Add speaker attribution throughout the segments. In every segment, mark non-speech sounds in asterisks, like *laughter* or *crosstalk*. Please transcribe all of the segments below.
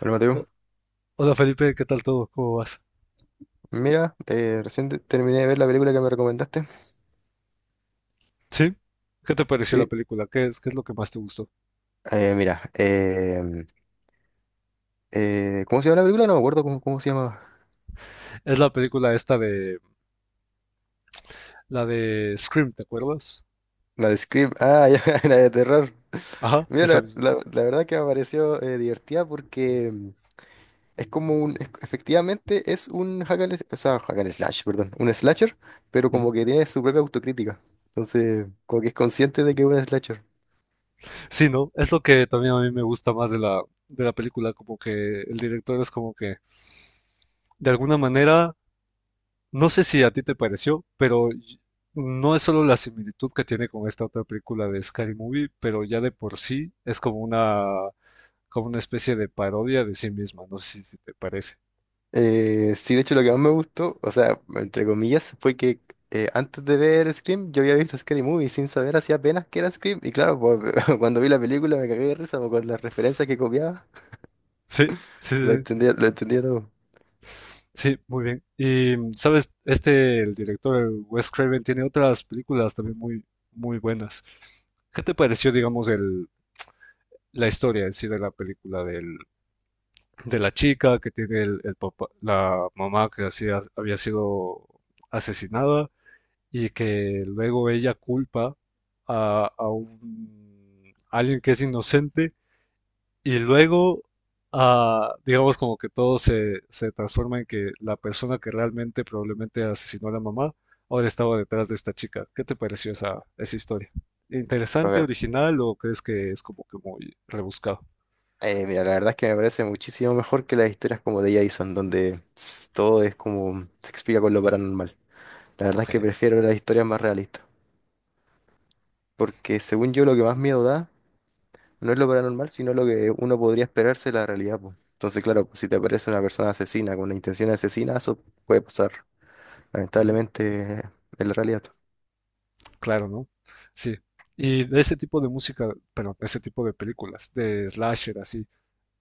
Speaker 1: Hola,
Speaker 2: O-
Speaker 1: Mateo.
Speaker 2: Hola Felipe, ¿qué tal todo? ¿Cómo vas?
Speaker 1: Mira, recién terminé de ver la película que me recomendaste.
Speaker 2: ¿Sí? ¿Qué te pareció la
Speaker 1: Sí.
Speaker 2: película? ¿Qué es lo que más te gustó?
Speaker 1: Mira, ¿cómo se llama la película? No me acuerdo cómo se llama.
Speaker 2: Es la película esta de... La de Scream, ¿te acuerdas?
Speaker 1: La de Scream, ah, *laughs* ya, la de terror.
Speaker 2: Ajá,
Speaker 1: Mira,
Speaker 2: esa
Speaker 1: la,
Speaker 2: misma.
Speaker 1: la- la verdad que me pareció divertida, porque es como un, efectivamente es un hack and, o sea, hack and slash, perdón, un slasher, pero
Speaker 2: Ujú.
Speaker 1: como que tiene su propia autocrítica. Entonces, como que es consciente de que es un slasher.
Speaker 2: Sí, ¿no? Es lo que también a mí me gusta más de la película, como que el director es como que, de alguna manera, no sé si a ti te pareció, pero y- no es solo la similitud que tiene con esta otra película de Scary Movie, pero ya de por sí es como una especie de parodia de sí misma, no sé si te parece.
Speaker 1: Sí, de hecho lo que más me gustó, o sea, entre comillas, fue que antes de ver Scream yo había visto Scary Movie sin saber, hacía apenas, que era Scream, y claro, pues, *laughs* cuando vi la película me cagué de risa, pues, con las referencias que copiaba,
Speaker 2: Sí, sí,
Speaker 1: lo
Speaker 2: sí,
Speaker 1: entendía, lo entendía todo.
Speaker 2: sí, sí, muy bien. Y, ¿sabes? Este, el director, el Wes Craven, tiene otras películas también muy, muy buenas. ¿Qué te pareció, digamos, el, la historia en sí de la película del- de la chica que tiene el papá, la mamá que hacía- había sido asesinada y que luego ella culpa a un, a alguien que es inocente. Y luego, ah, digamos como que todo se, se transforma en que la persona que realmente probablemente asesinó a la mamá ahora estaba detrás de esta chica. ¿Qué te pareció esa, esa historia?
Speaker 1: A
Speaker 2: ¿Interesante,
Speaker 1: ver,
Speaker 2: original o crees que es como que muy rebuscado?
Speaker 1: mira, la verdad es que me parece muchísimo mejor que las historias como de Jason, donde todo es como se explica con lo paranormal. La verdad es
Speaker 2: Ok,
Speaker 1: que prefiero las historias más realistas, porque según yo lo que más miedo da no es lo paranormal, sino lo que uno podría esperarse de la realidad, pues. Entonces, claro, pues, si te aparece una persona asesina con una intención de asesina, eso puede pasar,
Speaker 2: ujú.
Speaker 1: lamentablemente, en la realidad.
Speaker 2: Claro, ¿no? Sí. Y de ese tipo de música, pero ese tipo de películas, de slasher así,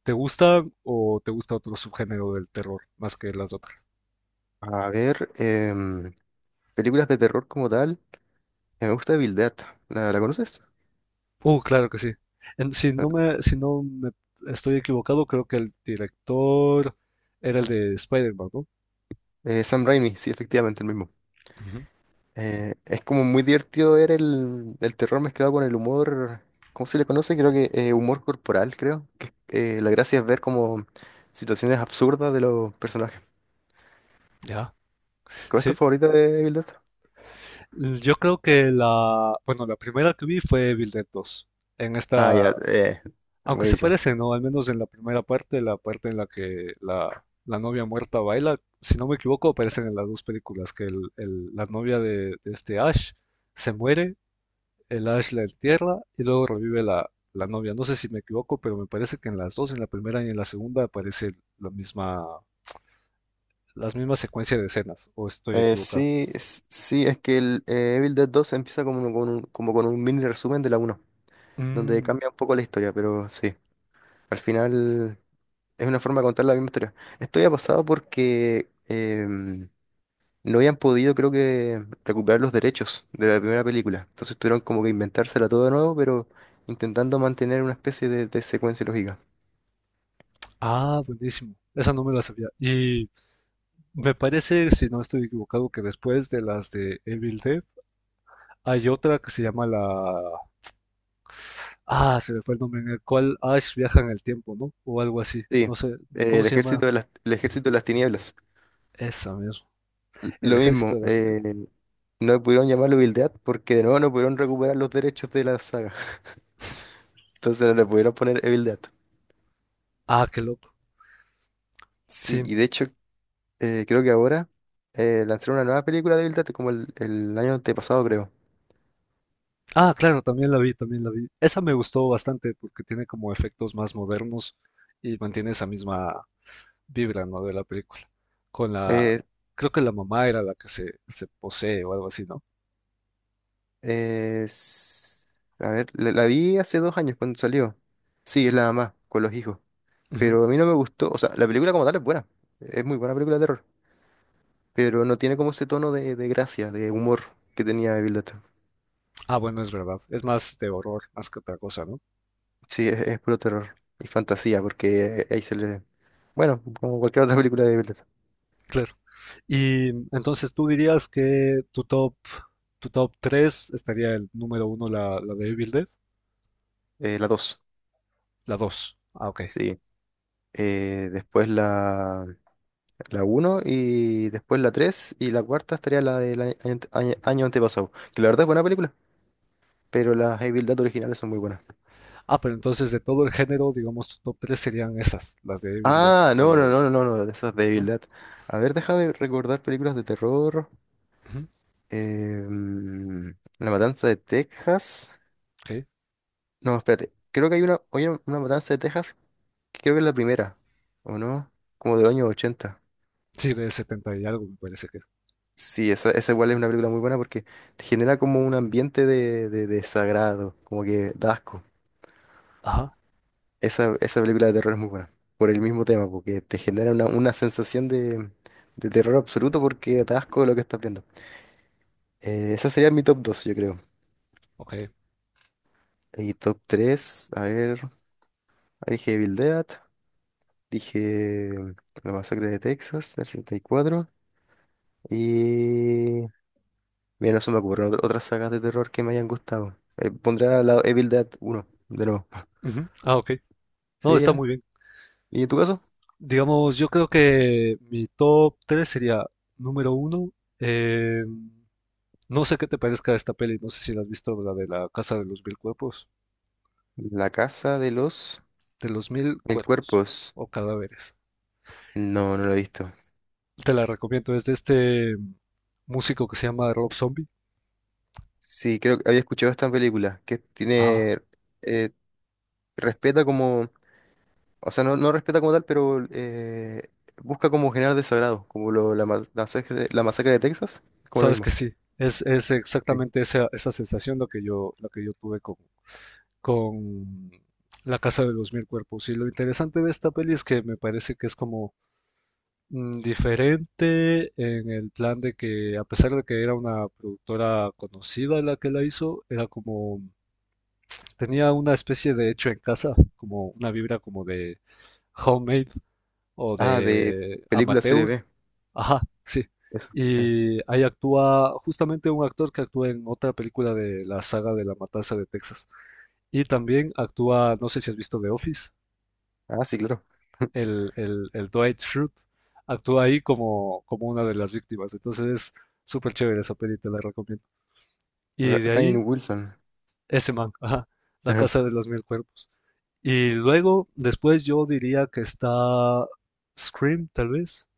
Speaker 2: ¿te gusta o te gusta otro subgénero del terror más que las otras?
Speaker 1: A ver, películas de terror como tal, me gusta Evil Dead. ¿La conoces?
Speaker 2: Claro que sí. En- si no me, si no me estoy equivocado, creo que el director era el de Spider-Man, ¿no?
Speaker 1: Sam Raimi, sí, efectivamente, el mismo.
Speaker 2: Ujú.
Speaker 1: Es como muy divertido ver el terror mezclado con el humor. ¿Cómo se le conoce? Creo que humor corporal, creo que, la gracia es ver como situaciones absurdas de los personajes.
Speaker 2: Ya,
Speaker 1: ¿Cuál es tu
Speaker 2: sí.
Speaker 1: favorita de Evil Dead?
Speaker 2: Yo creo que la, bueno, la primera que vi fue Evil Dead 2. En
Speaker 1: Ah, ya,
Speaker 2: esta, aunque se
Speaker 1: buenísimo.
Speaker 2: parece, ¿no? Al menos en la primera parte, la parte en la que la novia muerta baila, si no me equivoco, aparecen en las dos películas, que el- la novia de este Ash se muere, el Ash la entierra y luego revive la, la novia. No sé si me equivoco, pero me parece que en las dos, en la primera y en la segunda, aparece la misma, las mismas secuencias de escenas, o estoy
Speaker 1: Eh,
Speaker 2: equivocado.
Speaker 1: sí, es- sí, es que el Evil Dead dos empieza como con un, mini resumen de la uno, donde
Speaker 2: Mm,
Speaker 1: cambia un poco la historia, pero sí, al final es una forma de contar la misma historia. Esto ya ha pasado porque no habían podido, creo, que recuperar los derechos de la primera película, entonces tuvieron como que inventársela todo de nuevo, pero intentando mantener una especie de secuencia lógica.
Speaker 2: ah, buenísimo. Esa no me la sabía. Y me parece, si no estoy equivocado, que después de las de Evil Dead hay otra que se llama la... Ah, se me fue el nombre, en el cual Ash viaja en el tiempo, ¿no? O algo así.
Speaker 1: Sí,
Speaker 2: No sé, ¿cómo
Speaker 1: el
Speaker 2: se llama?
Speaker 1: ejército de las, el ejército de las Tinieblas.
Speaker 2: Esa mismo. El
Speaker 1: Lo
Speaker 2: Ejército
Speaker 1: mismo.
Speaker 2: de las Tinieblas.
Speaker 1: No pudieron llamarlo Evil Dead porque de nuevo no pudieron recuperar los derechos de la saga. *laughs* Entonces no le pudieron poner Evil Dead.
Speaker 2: Ah, qué loco.
Speaker 1: Sí,
Speaker 2: Sí.
Speaker 1: y de hecho creo que ahora lanzaron una nueva película de Evil Dead como el año antepasado, creo.
Speaker 2: Ah, claro, también la vi, también la vi. Esa me gustó bastante porque tiene como efectos más modernos y mantiene esa misma vibra, ¿no?, de la película. Con la,
Speaker 1: Eh,
Speaker 2: creo que la mamá era la que se posee o algo así, ¿no?
Speaker 1: es- a ver, la vi hace 2 años, cuando salió. Sí, es la mamá con los hijos.
Speaker 2: Ujú.
Speaker 1: Pero a mí no me gustó. O sea, la película como tal es buena. Es muy buena película de terror. Pero no tiene como ese tono de gracia, de humor, que tenía Evil Dead.
Speaker 2: Ah, bueno, es verdad. Es más de horror, más que otra cosa, ¿no?
Speaker 1: Sí, es puro terror y fantasía, porque ahí se le... Bueno, como cualquier otra película de Villeneuve.
Speaker 2: Claro. Y entonces tú dirías que tu top 3 estaría el número uno, la de Evil Dead,
Speaker 1: La dos,
Speaker 2: la 2. Ah, ok.
Speaker 1: sí. Después la uno, y después la tres, y la cuarta estaría la del año antepasado, que la verdad es buena película, pero las Evil Dead originales son muy buenas.
Speaker 2: Ah, pero entonces de todo el género, digamos, tu top 3 serían esas, las de Evil Dead,
Speaker 1: Ah, no, no,
Speaker 2: o...
Speaker 1: no, no, no, no, de esas de Evil
Speaker 2: ¿no?
Speaker 1: Dead. A ver, déjame recordar películas de terror.
Speaker 2: Ujú,
Speaker 1: Eh, mm, La Matanza de Texas.
Speaker 2: ok.
Speaker 1: No, espérate, creo que hay una, hay una Matanza de Texas. Creo que es la primera, ¿o no? Como del año 80.
Speaker 2: Sí, de 70 y algo me parece que es.
Speaker 1: Sí, esa igual es una película muy buena, porque te genera como un ambiente de desagrado, como que da asco.
Speaker 2: Ajá.
Speaker 1: Esa película de terror es muy buena, por el mismo tema, porque te genera una sensación de terror absoluto, porque da asco lo que estás viendo. Esa sería mi top dos, yo creo.
Speaker 2: Ok.
Speaker 1: Y top tres, a ver, dije Evil Dead, dije La Masacre de Texas, del 74, y mira, no se me ocurren otras sagas de terror que me hayan gustado. Pondré al lado Evil Dead uno de nuevo. *laughs*
Speaker 2: Ujú. Ah, ok. No,
Speaker 1: Sí,
Speaker 2: está
Speaker 1: ya.
Speaker 2: muy bien.
Speaker 1: ¿Y en tu caso?
Speaker 2: Digamos, yo creo que mi top 3 sería número 1. No sé qué te parezca esta peli, no sé si la has visto, la de la Casa de los Mil Cuerpos.
Speaker 1: La Casa de los
Speaker 2: De los Mil
Speaker 1: Mil
Speaker 2: Cuerpos
Speaker 1: Cuerpos.
Speaker 2: o Cadáveres.
Speaker 1: No, no lo he visto.
Speaker 2: Te la recomiendo, es de este músico que se llama Rob Zombie.
Speaker 1: Sí, creo que había escuchado esta película, que
Speaker 2: Ajá.
Speaker 1: tiene, eh, respeta como, o sea, no, no respeta como tal, pero busca como generar desagrado, como la masacre de Texas, es como lo
Speaker 2: Sabes
Speaker 1: mismo.
Speaker 2: que sí, es exactamente
Speaker 1: Sí.
Speaker 2: esa, esa sensación lo que yo tuve con La Casa de los Mil Cuerpos. Y lo interesante de esta peli es que me parece que es como diferente en el plan de que, a pesar de que era una productora conocida la que la hizo, era como, tenía una especie de hecho en casa, como una vibra como de homemade o
Speaker 1: Ah, de
Speaker 2: de
Speaker 1: película serie
Speaker 2: amateur.
Speaker 1: B,
Speaker 2: Ajá, sí.
Speaker 1: eso.
Speaker 2: Y ahí actúa justamente un actor que actúa en otra película de la saga de La Matanza de Texas. Y también actúa, no sé si has visto The Office,
Speaker 1: Ah, sí, claro. *laughs*
Speaker 2: el Dwight Schrute, actúa ahí como, como una de las víctimas. Entonces es súper chévere esa peli, te la recomiendo. Y de
Speaker 1: Rainn
Speaker 2: ahí,
Speaker 1: Wilson.
Speaker 2: ese man, ajá, La Casa
Speaker 1: *laughs*
Speaker 2: de los Mil Cuerpos. Y luego, después yo diría que está Scream, tal vez.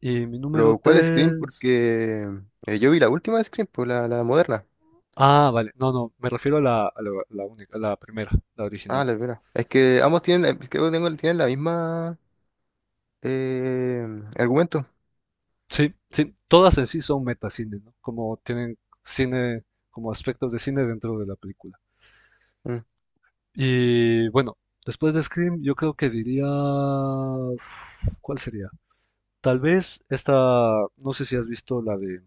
Speaker 2: Y mi número
Speaker 1: Pero, ¿cuál Scream?
Speaker 2: 3.
Speaker 1: Porque yo vi la última de Scream, pues la moderna.
Speaker 2: Ah, vale. No, no, me refiero a la, la única, a la primera, la
Speaker 1: Ah,
Speaker 2: original.
Speaker 1: la primera. Es que ambos tienen, creo que tienen la misma, eh, argumento.
Speaker 2: Sí, sí, todas en sí son metacine, ¿no? Como tienen cine, como aspectos de cine dentro de la película.
Speaker 1: Mm.
Speaker 2: Y bueno, después de Scream, yo creo que diría... uf, ¿cuál sería? Tal vez esta, no sé si has visto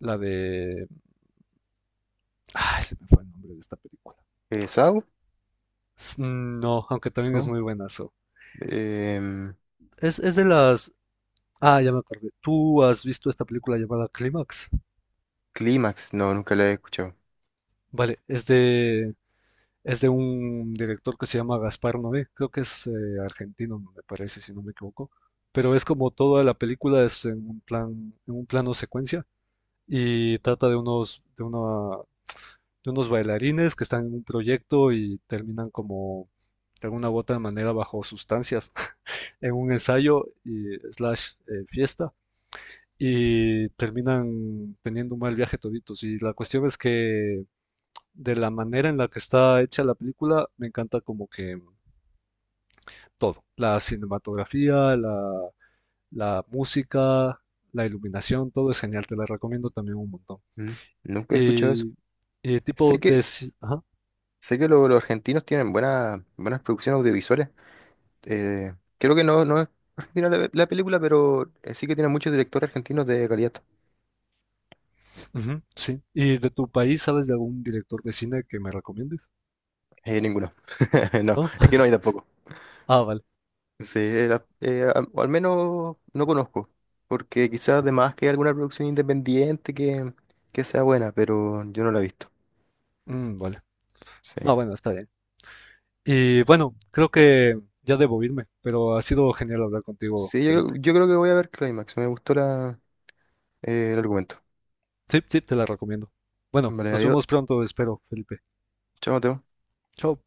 Speaker 2: la de... Ay, se me fue el nombre de esta película.
Speaker 1: ¿Saw?
Speaker 2: S- No, aunque también es
Speaker 1: No.
Speaker 2: muy buenazo.
Speaker 1: Em,
Speaker 2: Es de las... Ah, ya me acordé. ¿Tú has visto esta película llamada Clímax?
Speaker 1: Clímax, no, nunca la he escuchado.
Speaker 2: Vale, es de un director que se llama Gaspar Noé, creo que es argentino, me parece, si no me equivoco, pero es como toda la película es en un plan, en un plano secuencia y trata de unos, de una, de unos bailarines que están en un proyecto y terminan como de alguna u otra manera bajo sustancias *laughs* en un ensayo y slash fiesta y terminan teniendo un mal viaje toditos y la cuestión es que de la manera en la que está hecha la película, me encanta como que todo, la cinematografía, la música, la iluminación, todo es genial, te la recomiendo también un montón.
Speaker 1: Mm, Nunca he escuchado eso.
Speaker 2: Y, y tipo
Speaker 1: Sé que,
Speaker 2: de...
Speaker 1: s-
Speaker 2: ci- Ajá,
Speaker 1: sé que los argentinos tienen buenas, buenas producciones audiovisuales. Creo que no, no es argentina la película, pero sí que tienen muchos directores argentinos de calidad.
Speaker 2: ujú, sí. ¿Y de tu país sabes de algún director de cine que me recomiendes?
Speaker 1: Ninguno. *laughs* No,
Speaker 2: ¿No?
Speaker 1: es que
Speaker 2: *laughs*
Speaker 1: no hay tampoco.
Speaker 2: Ah, vale.
Speaker 1: Sí, al o al menos no conozco, porque quizás además que hay alguna producción independiente que sea buena, pero yo no la he visto.
Speaker 2: Mm, vale.
Speaker 1: Sí.
Speaker 2: Ah, bueno, está bien. Y bueno, creo que ya debo irme, pero ha sido genial hablar contigo,
Speaker 1: Sí, yo,
Speaker 2: Felipe.
Speaker 1: creo- yo creo que voy a ver Climax. Me gustó el argumento.
Speaker 2: Sí, sí, te la recomiendo. Bueno,
Speaker 1: Vale,
Speaker 2: nos
Speaker 1: adiós.
Speaker 2: vemos pronto, espero, Felipe.
Speaker 1: Chao, Mateo.
Speaker 2: Chao.